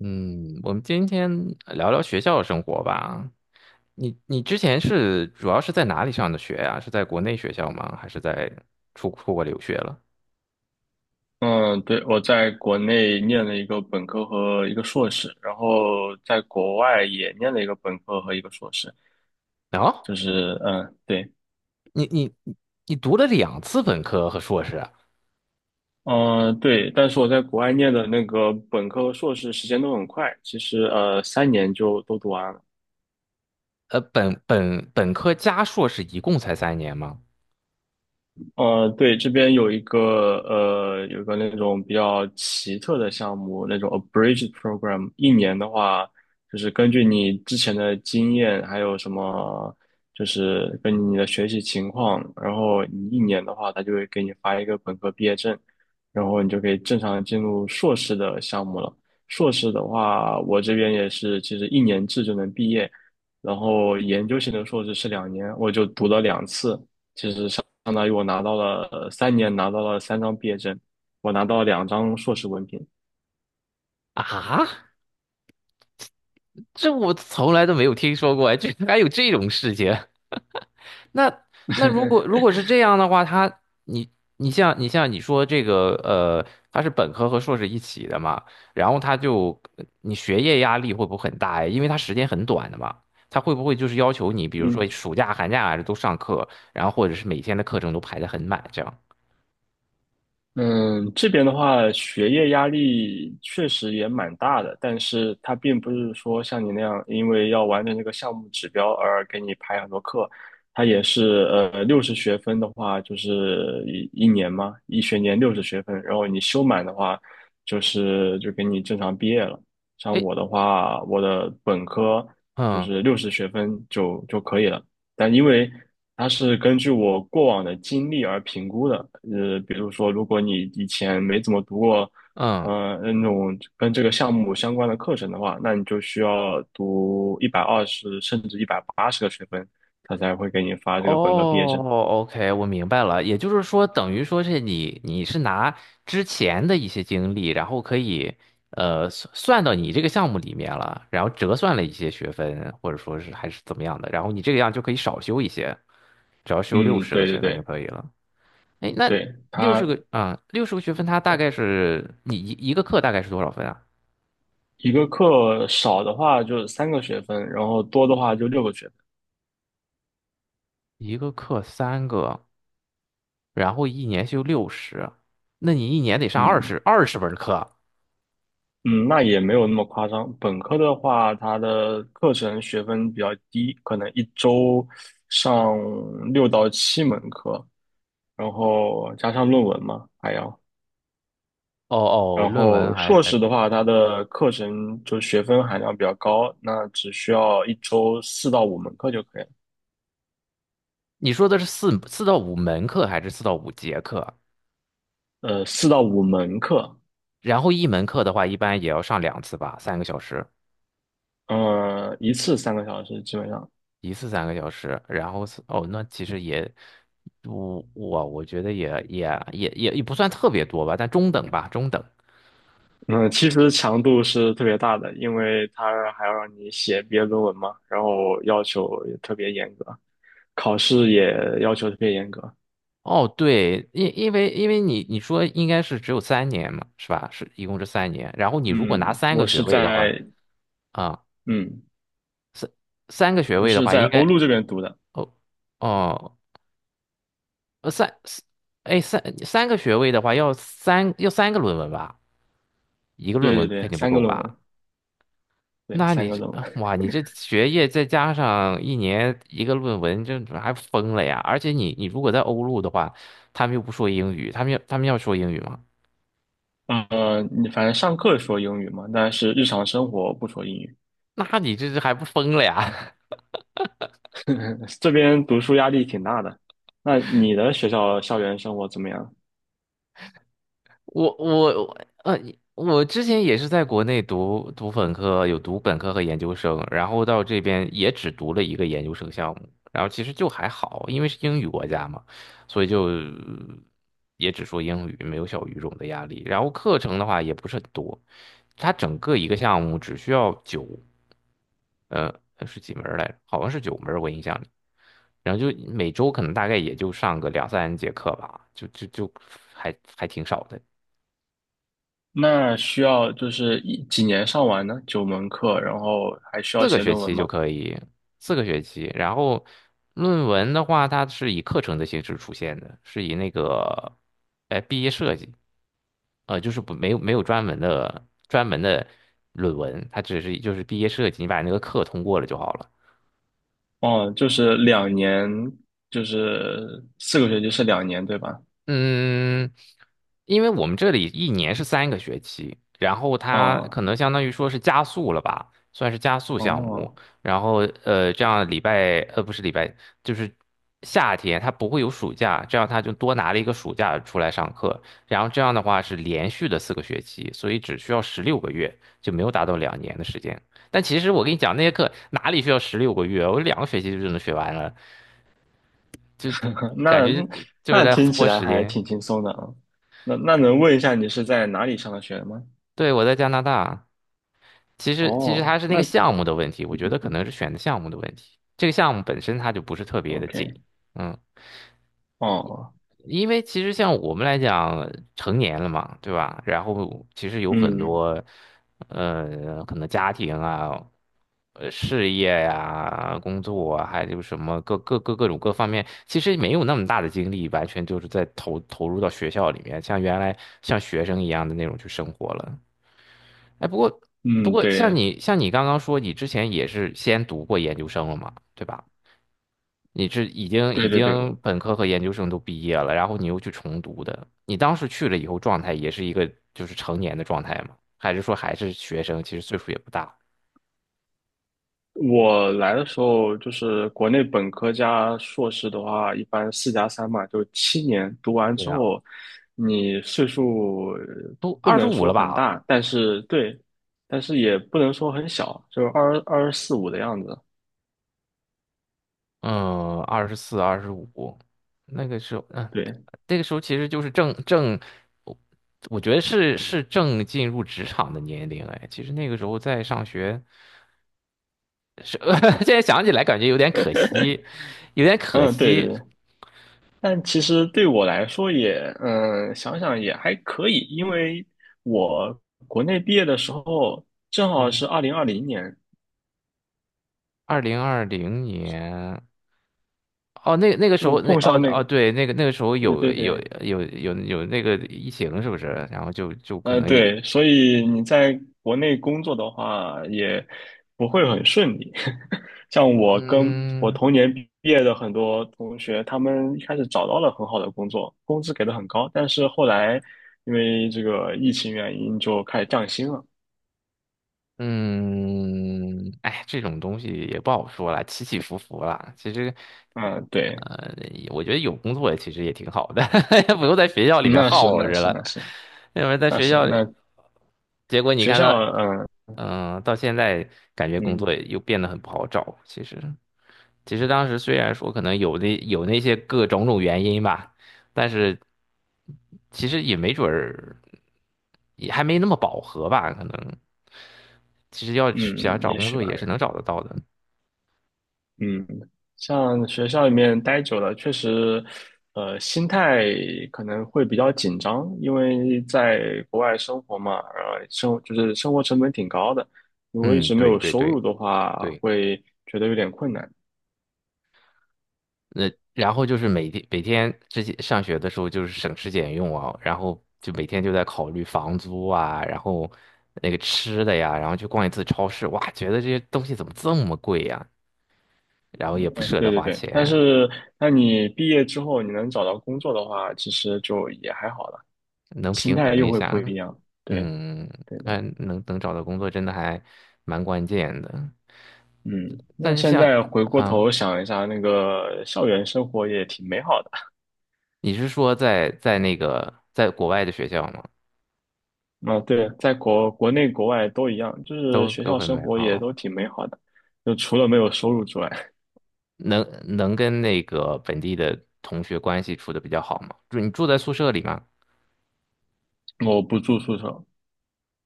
嗯，我们今天聊聊学校生活吧。你之前是主要是在哪里上的学呀？是在国内学校吗？还是在出国留学了？嗯，对，我在国内念了一个本科和一个硕士，然后在国外也念了一个本科和一个硕士，哦，就是嗯，对，你你你读了两次本科和硕士啊，嗯，对，但是我在国外念的那个本科和硕士时间都很快，其实三年就都读完了。本科加硕士一共才三年吗？呃，对，这边有个那种比较奇特的项目，那种 abridged program，一年的话，就是根据你之前的经验，还有什么，就是根据你的学习情况，然后你一年的话，他就会给你发一个本科毕业证，然后你就可以正常进入硕士的项目了。硕士的话，我这边也是，其实一年制就能毕业，然后研究型的硕士是两年，我就读了2次。相当于我拿到了三年，拿到了3张毕业证，我拿到了2张硕士文凭。啊，这我从来都没有听说过，哎，居然还有这种事情。那那如果是这样的话，他你你像你像你说这个呃，他是本科和硕士一起的嘛。然后他就你学业压力会不会很大呀？因为他时间很短的嘛，他会不会就是要求你，比如说嗯，暑假、寒假还是都上课，然后或者是每天的课程都排得很满这样？嗯，这边的话，学业压力确实也蛮大的，但是它并不是说像你那样，因为要完成这个项目指标而给你排很多课，它也是六十学分的话，就是一年嘛，一学年六十学分，然后你修满的话，就是就给你正常毕业了。像哎，我的话，我的本科就嗯是六十学分就可以了。但因为它是根据我过往的经历而评估的，比如说，如果你以前没怎么读过，嗯。那种跟这个项目相关的课程的话，那你就需要读120甚至180个学分，他才会给你发这个本科毕业哦证。，OK,我明白了。也就是说，等于说是你是拿之前的一些经历，然后可以算到你这个项目里面了，然后折算了一些学分，或者说是还是怎么样的，然后你这个样就可以少修一些，只要修六嗯，十对个对学分就对可以了。哎，那对，六十它个啊，六十个学分，它大概是你一个课大概是多少分啊？一个课少的话就3个学分，然后多的话就6个学分。一个课三个，然后一年修六十，那你一年得上二嗯，十二十门课。嗯，那也没有那么夸张。本科的话，它的课程学分比较低，可能一周上6到7门课，然后加上论文嘛，还要。哦哦，然论文后还硕还，士的话，它的课程就学分含量比较高，那只需要一周四到五门课就可以了。你说的是四到五门课还是四到五节课？四到五门课，然后一门课的话，一般也要上两次吧，三个小时，嗯，一次3个小时，基本上。一次三个小时。然后是哦，那其实也，我觉得也不算特别多吧，但中等吧，中等。嗯，其实强度是特别大的，因为他还要让你写毕业论文嘛，然后要求也特别严格，考试也要求特别严格。哦，对，因为你说应该是只有三年嘛，是吧？是一共是三年。然后你如果拿嗯，三个我学是位的话，在啊、嗯，三三个学我位的是话，在应欧该陆这边读的，哦哦三，四，哎，三个学位的话，要三个论文吧，一个论对对文肯对，定不三个够论文，吧？对，那三你个这论啊文。哇，你这学业再加上一年一个论文，这还疯了呀！而且你如果在欧陆的话，他们又不说英语，他们要说英语吗？你反正上课说英语嘛，但是日常生活不说英语。那你这还不疯了呀？这边读书压力挺大的。那你的学校校园生活怎么样？我我呃，我之前也是在国内读本科，有读本科和研究生，然后到这边也只读了一个研究生项目，然后其实就还好，因为是英语国家嘛，所以就也只说英语，没有小语种的压力。然后课程的话也不是很多，它整个一个项目只需要九，呃，是几门儿来着？好像是九门儿我印象里。然后就每周可能大概也就上个两三节课吧，就还挺少的。那需要就是几年上完呢？9门课，然后还需要四个写学论文期就吗？可以，四个学期。然后论文的话，它是以课程的形式出现的，是以那个，毕业设计，就是不没有没有专门的论文，它只是就是毕业设计，你把那个课通过了就好了。哦，就是两年，就是4个学期是两年，对吧？嗯，因为我们这里一年是3个学期，然后他可哦能相当于说是加速了吧，算是加速项目。哦，然后这样礼拜，不是礼拜，就是夏天他不会有暑假，这样他就多拿了一个暑假出来上课。然后这样的话是连续的四个学期，所以只需要十六个月，就没有达到2年的时间。但其实我跟你讲，那些课哪里需要十六个月，我2个学期就能学完了，感那觉就是那在听起拖来时还间。挺轻松的啊。那能问一下你是在哪里上的学吗？对，我在加拿大。其实哦，它是那个那 项目的问题，我觉得可能是选的项目的问题。这个项目本身它就不是特别的紧，OK，嗯，哦，因为其实像我们来讲，成年了嘛，对吧？然后其实有很嗯多，可能家庭啊，事业呀、工作啊，还有什么各种各方面，其实没有那么大的精力，完全就是在投入到学校里面，像原来像学生一样的那种去生活了。哎，不过不嗯，过，像对你像你刚刚说，你之前也是先读过研究生了嘛，对吧？你是已经已对对对，经本科和研究生都毕业了，然后你又去重读的。你当时去了以后，状态也是一个就是成年的状态吗？还是说还是学生？其实岁数也不大。我来的时候就是国内本科加硕士的话，一般4加3嘛，就7年读完对之呀，后，你岁数都不二十能五说了很吧？大，但是对，但是也不能说很小，就是二十四五的样子。嗯，24、二十五，那个时候，嗯，对，那个时候其实就是正，我我觉得是正进入职场的年龄。哎，其实那个时候在上学。是，现在想起来感觉有点可惜，有点可嗯，对对惜。对。但其实对我来说也，嗯，想想也还可以，因为我国内毕业的时候正好嗯，是2020年，2020年。哦，那那个时就候，那碰哦上那哦，个，对，那个时候对有对有对，有有有那个疫情，是不是？然后就可能也，对，所以你在国内工作的话，也不会很顺利。像我跟我嗯，同年毕业的很多同学，他们一开始找到了很好的工作，工资给的很高，但是后来因为这个疫情原因就开始降薪了。嗯，哎，这种东西也不好说了，起起伏伏了。其实，嗯，对，呃，我觉得有工作其实也挺好的，不用在学校里面那是耗那着是了。那是要不然在那学是校里，那结果你学看校，到，嗯嗯、到现在感觉工作嗯又变得很不好找。其实，当时虽然说可能有那些各种原因吧，但是其实也没准儿，也还没那么饱和吧，可能。其实要想嗯，找也工许作吧。也是能找得到的。嗯，像学校里面待久了，确实，心态可能会比较紧张，因为在国外生活嘛，就是生活成本挺高的，如果一嗯，直没对有对收入对的话，对，会觉得有点困难。那然后就是每天之前上学的时候就是省吃俭用啊，然后就每天就在考虑房租啊，然后那个吃的呀，然后去逛一次超市，哇，觉得这些东西怎么这么贵呀？然后嗯，也不舍得对对花对，但钱，是那你毕业之后你能找到工作的话，其实就也还好了，能心平态衡又一会不下。一样。对嗯，对对，嗯，能找到工作真的还蛮关键的，嗯，那但是现像在回过啊。头想一下，那个校园生活也挺美好的。你是说在那个在国外的学校吗？啊，对，在国内国外都一样，就是都学都校很生美活也好，都挺美好的，就除了没有收入之外，能能跟那个本地的同学关系处的比较好吗？就你住在宿舍里吗？我不住宿舍。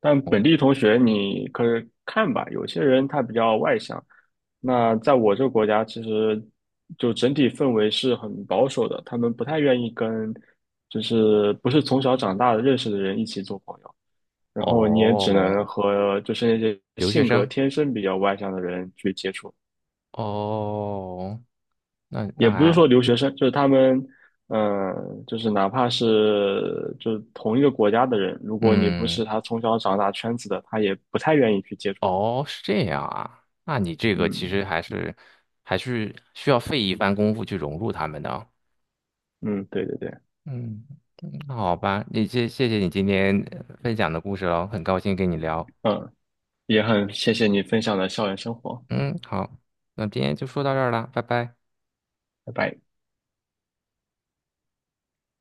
但哦，本地同学你可以看吧，有些人他比较外向，那在我这个国家其实就整体氛围是很保守的，他们不太愿意跟就是不是从小长大的认识的人一起做朋友，然后你也只哦，能和就是那些留学性格生，天生比较外向的人去接触。哦，那也那不是还，说留学生，就是他们，嗯，就是哪怕是就是同一个国家的人，如果你不是嗯，他从小长大圈子的，他也不太愿意去接触你。哦，是这样啊，那你这个其嗯实还是需要费一番功夫去融入他们的哦。嗯，对对对，嗯，嗯那好吧，你谢谢你今天分享的故事喽，很高兴跟你聊。嗯，也很谢谢你分享的校园生活，嗯，好，那今天就说到这儿啦，拜拜。拜拜。